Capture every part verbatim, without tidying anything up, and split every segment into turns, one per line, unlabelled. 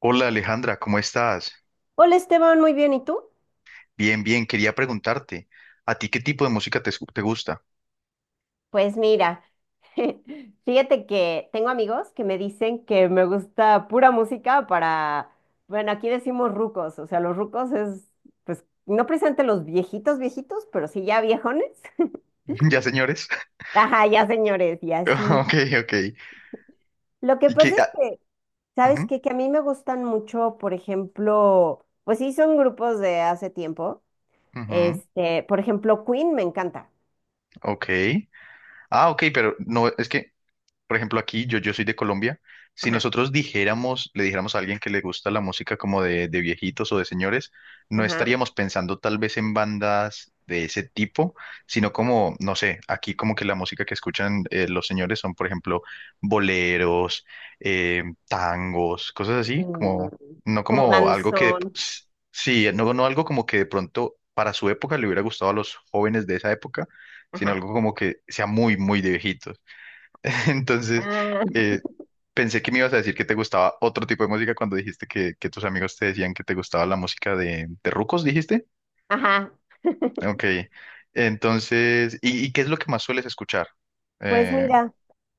Hola Alejandra, ¿cómo estás?
Hola Esteban, muy bien, ¿y tú?
Bien, bien, quería preguntarte, ¿a ti qué tipo de música te, escu- te gusta?
Pues mira, fíjate que tengo amigos que me dicen que me gusta pura música para, bueno, aquí decimos rucos, o sea, los rucos es, pues, no precisamente los viejitos, viejitos, pero sí ya viejones.
¿Ya, señores?
Ajá, ya señores, y así.
Ok, ok.
Lo que
¿Y
pasa
qué?
es
Ah,
que, ¿sabes
ujú,
qué? Que a mí me gustan mucho, por ejemplo, pues sí, son grupos de hace tiempo.
ujú,
Este, por ejemplo, Queen me encanta.
ok. Ah, ok, pero no, es que por ejemplo, aquí, yo, yo soy de Colombia. Si
Ajá,
nosotros dijéramos, le dijéramos a alguien que le gusta la música como de, de viejitos o de señores, no
ajá.
estaríamos pensando tal vez en bandas de ese tipo, sino como, no sé, aquí como que la música que escuchan eh, los señores son, por ejemplo, boleros, eh, tangos, cosas así,
Mm,
como, no
Como
como algo que, de-
danzón.
Sí, no, no algo como que de pronto para su época le hubiera gustado a los jóvenes de esa época, sino
Ajá.
algo como que sea muy, muy de viejitos. Entonces,
Ah,
eh, pensé que me ibas a decir que te gustaba otro tipo de música cuando dijiste que, que tus amigos te decían que te gustaba la música de, de rucos, dijiste.
ajá.
Ok. Entonces, ¿y, y qué es lo que más sueles escuchar?
Pues
Eh,
mira,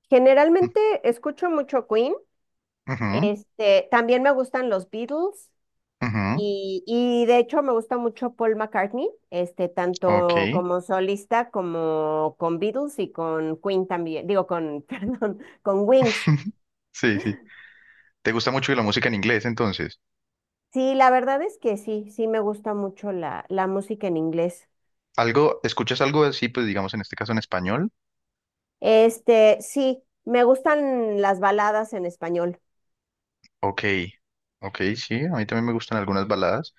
generalmente escucho mucho Queen,
ujú,
este, también me gustan los Beatles
ujú,
y, y de hecho me gusta mucho Paul McCartney, este,
ok.
tanto como solista como con Beatles y con Queen también, digo con, perdón, con Wings.
Sí, sí. ¿Te gusta mucho la música en inglés, entonces?
Sí, la verdad es que sí, sí me gusta mucho la, la música en inglés.
¿Algo, escuchas algo así, pues digamos en este caso en español?
Este, sí, me gustan las baladas en español.
Ok, ok, sí, a mí también me gustan algunas baladas.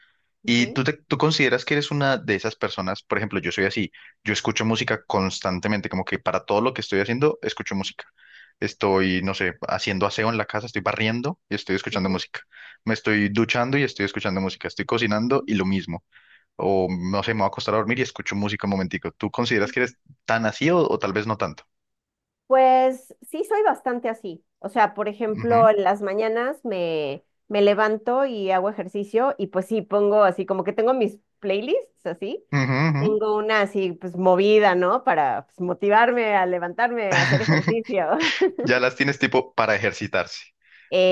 ¿Y
Ujú,
tú, te- tú consideras que eres una de esas personas? Por ejemplo, yo soy así, yo escucho
ujú,
música constantemente, como que para todo lo que estoy haciendo, escucho música. Estoy, no sé, haciendo aseo en la casa, estoy barriendo y estoy escuchando
ujú.
música. Me estoy duchando y estoy escuchando música. Estoy cocinando y lo mismo. O no sé, me voy a acostar a dormir y escucho música un momentico. ¿Tú consideras que eres tan así o, o tal vez no tanto?
Pues sí, soy bastante así. O sea, por
Ujú,
ejemplo, en las mañanas me, me levanto y hago ejercicio y pues sí, pongo así como que tengo mis playlists así.
ujú, ujú.
Tengo una así pues movida, ¿no? Para pues, motivarme a levantarme, a hacer ejercicio.
Ya las tienes tipo para ejercitarse.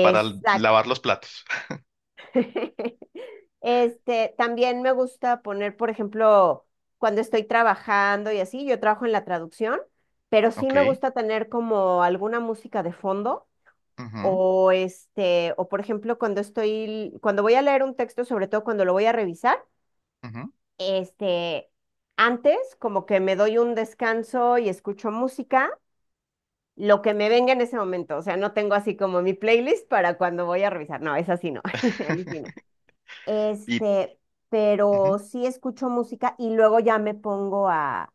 Para l- lavar los platos.
Este, también me gusta poner, por ejemplo, cuando estoy trabajando y así, yo trabajo en la traducción, pero sí me
Ok.
gusta tener como alguna música de fondo.
Ujú,
O este, o por ejemplo, cuando estoy, cuando voy a leer un texto, sobre todo cuando lo voy a revisar,
ujú.
este, antes como que me doy un descanso y escucho música, lo que me venga en ese momento. O sea, no tengo así como mi playlist para cuando voy a revisar. No, es así no. Ahí sí no.
Y
Este,
ujú,
pero sí escucho música y luego ya me pongo a,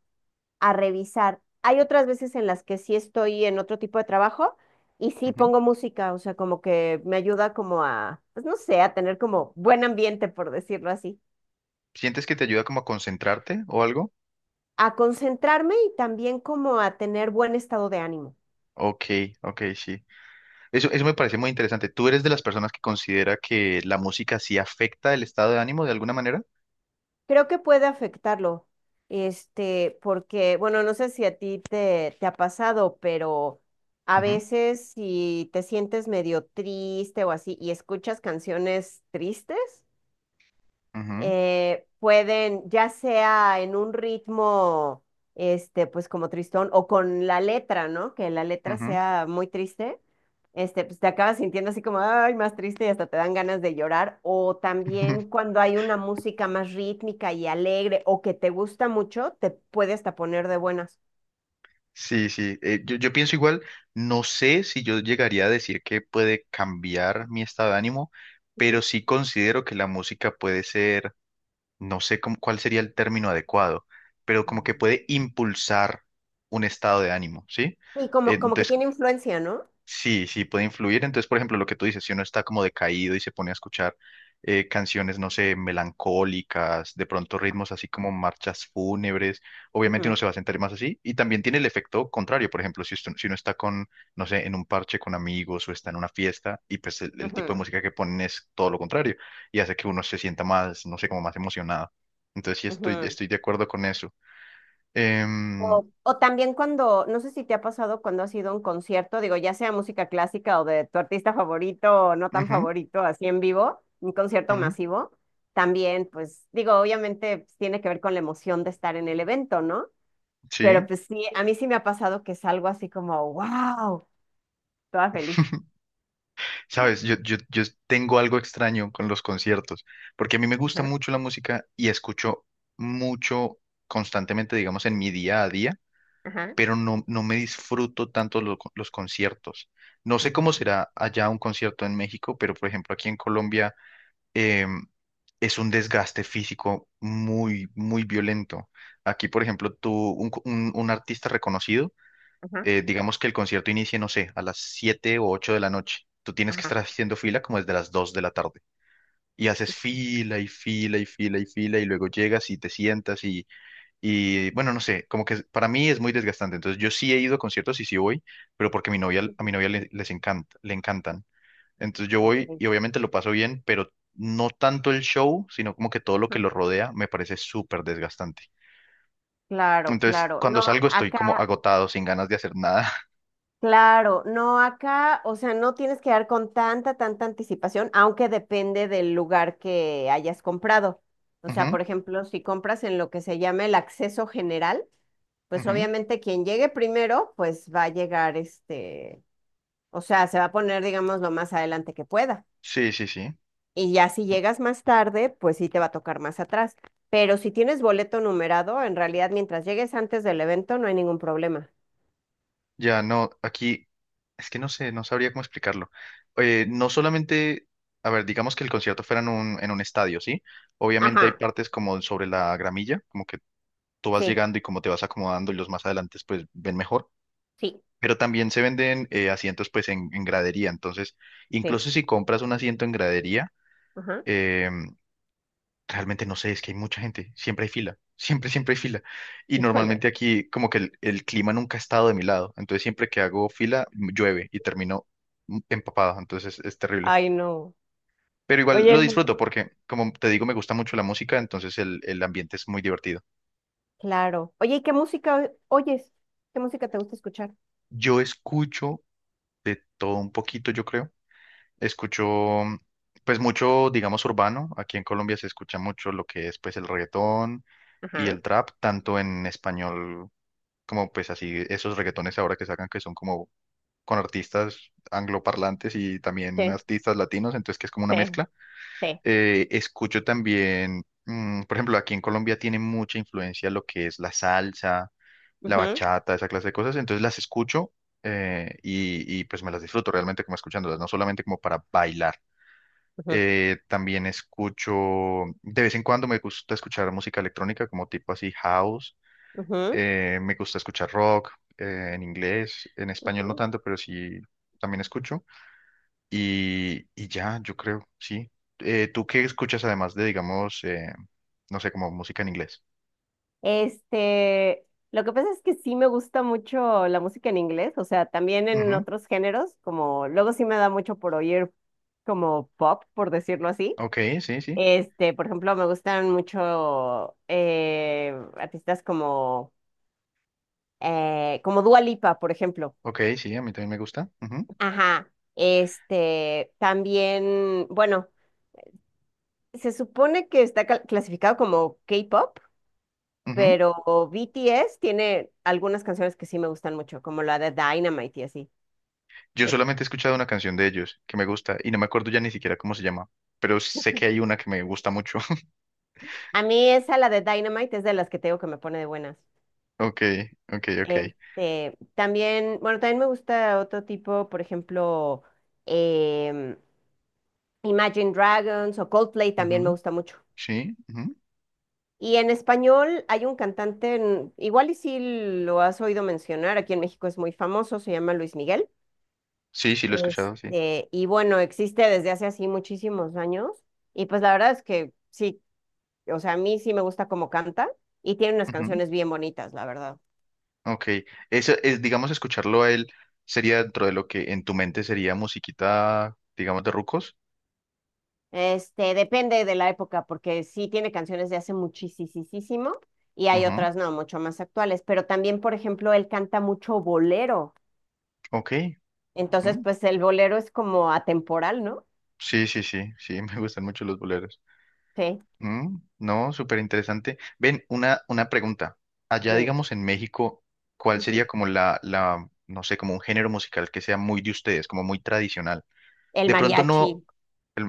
a revisar. Hay otras veces en las que sí estoy en otro tipo de trabajo y sí
ujú.
pongo música, o sea, como que me ayuda como a, pues no sé, a tener como buen ambiente, por decirlo así,
¿Sientes que te ayuda como a concentrarte o algo?
a concentrarme y también como a tener buen estado de ánimo.
Ok, ok, sí. Eso, eso me parece muy interesante. ¿Tú eres de las personas que considera que la música sí afecta el estado de ánimo de alguna manera?
Creo que puede afectarlo, este, porque, bueno, no sé si a ti te, te ha pasado, pero a
Ujú,
veces si te sientes medio triste o así y escuchas canciones tristes,
ujú,
eh, pueden, ya sea en un ritmo, este, pues como tristón, o con la letra, ¿no? Que la letra
ujú.
sea muy triste, este, pues te acabas sintiendo así como, ay, más triste y hasta te dan ganas de llorar. O también cuando hay una música más rítmica y alegre o que te gusta mucho, te puede hasta poner de buenas.
Sí, sí. Eh, yo, yo pienso igual, no sé si yo llegaría a decir que puede cambiar mi estado de ánimo, pero
Ujú.
sí considero que la música puede ser no sé cómo- cuál sería el término adecuado, pero como que
Mm.
puede impulsar un estado de ánimo, ¿sí?
Y
Eh,
como, como que
Entonces,
tiene influencia, ¿no?
sí, sí, puede influir. Entonces, por ejemplo, lo que tú dices, si uno está como decaído y se pone a escuchar eh, canciones, no sé, melancólicas, de pronto ritmos así como marchas fúnebres, obviamente
Ujú,
uno se va a sentir más así. Y también tiene el efecto contrario. Por ejemplo, si, usted- si uno está con, no sé, en un parche con amigos o está en una fiesta y pues el, el tipo de
ujú,
música que ponen es todo lo contrario y hace que uno se sienta más, no sé, como más emocionado. Entonces, sí, estoy,
ujú.
estoy de acuerdo con eso. Em,
O, o también cuando, no sé si te ha pasado cuando has ido a un concierto, digo, ya sea música clásica o de tu artista favorito o no tan
ujú,
favorito, así en vivo, un concierto
ujú,
masivo, también, pues digo, obviamente pues, tiene que ver con la emoción de estar en el evento, ¿no? Pero
sí.
pues sí, a mí sí me ha pasado que salgo así como, wow, toda feliz.
Sabes, yo, yo, yo tengo algo extraño con los conciertos, porque a mí me gusta
Ajá,
mucho la música y escucho mucho constantemente, digamos, en mi día a día,
ajá,
pero no, no me disfruto tanto lo- los conciertos. No sé cómo
mm,
será allá un concierto en México, pero por ejemplo aquí en Colombia em, es un desgaste físico muy, muy violento. Aquí, por ejemplo, tú, un, co- un un artista reconocido,
ajá,
eh, digamos que el concierto inicie, no sé, a las siete o ocho de la noche. Tú tienes que estar
ajá.
haciendo fila como desde las dos de la tarde. Y haces fila y fila y fila y fila y luego llegas y te sientas y, y bueno, no sé, como que para mí es muy desgastante. Entonces yo sí he ido a conciertos y sí voy, pero porque mi novia, a
Ujú,
mi novia le- les encanta, le encantan. Entonces yo voy
ok.
y obviamente lo paso bien, pero no tanto el show, sino como que todo lo que
Ajá.
lo rodea me parece súper desgastante.
Claro,
Entonces
claro. No,
cuando salgo estoy como
acá.
agotado, sin ganas de hacer nada.
Claro, no acá, o sea, no tienes que dar con tanta, tanta anticipación, aunque depende del lugar que hayas comprado. O sea,
Ujú,
por ejemplo, si compras en lo que se llama el acceso general, pues
ujú.
obviamente quien llegue primero, pues va a llegar este, o sea, se va a poner, digamos, lo más adelante que pueda.
Sí, sí, sí.
Y ya si llegas más tarde, pues sí te va a tocar más atrás. Pero si tienes boleto numerado, en realidad mientras llegues antes del evento no hay ningún problema.
Ya no, aquí es que no sé, no sabría cómo explicarlo. Eh, no solamente, a ver, digamos que el concierto fuera en un, en un estadio, ¿sí? Obviamente hay
Ajá,
partes como sobre la gramilla, como que tú vas
sí,
llegando y como te vas acomodando y los más adelante pues ven mejor.
sí,
Pero también se venden eh, asientos pues en, en gradería. Entonces,
sí,
incluso si compras un asiento en gradería,
ajá.
em, Realmente no sé, es que hay mucha gente, siempre hay fila, siempre, siempre hay fila. Y
Híjole.
normalmente aquí como que el, el clima nunca ha estado de mi lado, entonces siempre que hago fila m- llueve y termino m- empapado, entonces es, es terrible.
Ay, no.
Pero igual
Oye,
lo
no,
disfruto porque, como te digo, me gusta mucho la música, entonces el, el ambiente es muy divertido.
claro. Oye, ¿y qué música oyes? ¿Qué música te gusta escuchar?
Yo escucho de todo un poquito, yo creo. Escucho mm, pues mucho, digamos, urbano. Aquí en Colombia se escucha mucho lo que es pues el reggaetón y
Ajá.
el trap, tanto en español como pues así esos reggaetones ahora que sacan que son como con artistas angloparlantes y también
Sí,
artistas latinos, entonces que es como una
sí,
mezcla.
sí.
Eh, escucho también, mm, por ejemplo, aquí en Colombia tiene mucha influencia lo que es la salsa, la
Ujú,
bachata, esa clase de cosas, entonces las escucho eh, y, y pues me las disfruto realmente como escuchándolas, no solamente como para bailar.
ujú,
Eh, también escucho, de vez en cuando me gusta escuchar música electrónica como tipo así house
ujú,
eh, me gusta escuchar rock eh, en inglés, en español no
ujú.
tanto, pero sí también escucho. Y, y ya, yo creo, sí. Eh, ¿tú qué escuchas además de, digamos, eh, no sé, como música en inglés?
Este, lo que pasa es que sí me gusta mucho la música en inglés, o sea, también en
Ujú,
otros géneros, como luego sí me da mucho por oír como pop, por decirlo así.
ok, sí, sí.
Este, por ejemplo, me gustan mucho eh, artistas como, eh, como Dua Lipa, por ejemplo.
Ok, sí, a mí también me gusta. Ujú,
Ajá, este, también, bueno, se supone que está cal- clasificado como K-pop,
ujú.
pero B T S tiene algunas canciones que sí me gustan mucho, como la de Dynamite y así.
Yo
De-
solamente he escuchado una canción de ellos que me gusta y no me acuerdo ya ni siquiera cómo se llama, pero sé que hay una que me gusta mucho.
a mí esa, la de Dynamite, es de las que tengo que me pone de buenas.
Ok, ok, ok.
Este, también, bueno, también me gusta otro tipo, por ejemplo, em, Imagine Dragons o Coldplay también me
Ujú,
gusta mucho.
sí, ujú.
Y en español hay un cantante, en- igual y si lo has oído mencionar, aquí en México es muy famoso, se llama Luis Miguel.
Sí, sí, lo he escuchado, sí.
Este, y bueno, existe desde hace así muchísimos años. Y pues la verdad es que sí, o sea, a mí sí me gusta cómo canta y tiene unas canciones bien bonitas, la verdad.
Ok, eso es, digamos, escucharlo a él sería dentro de lo que en tu mente sería musiquita, digamos, de rucos.
Este, depende de la época, porque sí tiene canciones de hace muchísimo y hay
Ujú,
otras no, mucho más actuales. Pero también, por ejemplo, él canta mucho bolero.
ok,
Entonces,
mm,
pues el bolero es como atemporal, ¿no?
sí, sí, sí, sí, me gustan mucho los boleros.
Sí.
Mm, no, súper interesante. Ven, una, una pregunta. Allá,
Dime.
digamos, en México, ¿cuál sería
Ujú.
como la, la, no sé, como un género musical que sea muy de ustedes, como muy tradicional?
El
De pronto no.
mariachi.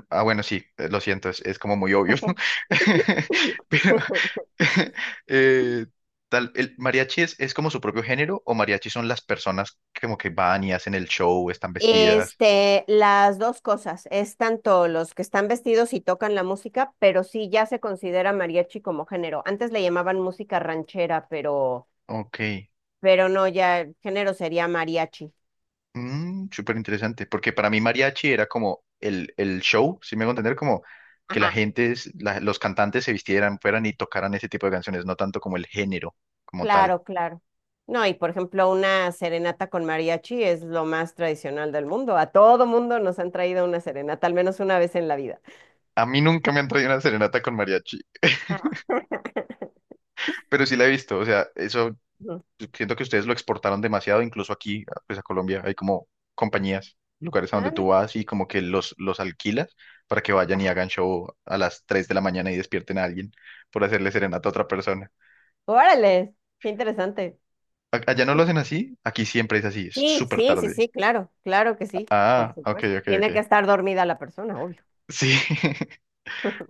Ah, bueno, sí, eh, lo siento, es, es como muy obvio. Pero eh, tal, el mariachi es, es como su propio género o mariachi son las personas que como que van y hacen el show, están vestidas.
Este, las dos cosas, es tanto los que están vestidos y tocan la música, pero sí ya se considera mariachi como género. Antes le llamaban música ranchera, pero,
Ok,
pero no, ya el género sería mariachi.
mm, súper interesante, porque para mí mariachi era como el, el show, si me hago entender, como que la
Ajá,
gente, es- la- los cantantes se vistieran, fueran y tocaran ese tipo de canciones, no tanto como el género como tal.
claro, claro. No, y por ejemplo, una serenata con mariachi es lo más tradicional del mundo. A todo mundo nos han traído una serenata, al menos una vez en la vida.
A mí nunca me han traído una serenata con mariachi,
Ah,
pero sí la he visto, o sea, eso.
ujú.
Siento que ustedes lo exportaron demasiado, incluso aquí, pues a Colombia, hay como compañías, lugares a donde
Ah,
tú
mira.
vas y como que los, los alquilas para que vayan y hagan show a las tres de la mañana y despierten a alguien por hacerle serenata a otra persona.
Órale, qué interesante.
A- Allá no lo hacen así, aquí siempre es así, es
Sí,
súper
sí, sí,
tarde.
sí, claro, claro que sí, por
Ah, ok,
supuesto.
ok,
Tiene que
ok.
estar dormida la persona, obvio.
Sí.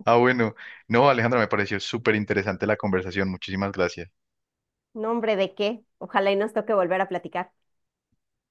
Ah, bueno. No, Alejandra, me pareció súper interesante la conversación. Muchísimas gracias.
No, hombre, ¿de qué? Ojalá y nos toque volver a platicar.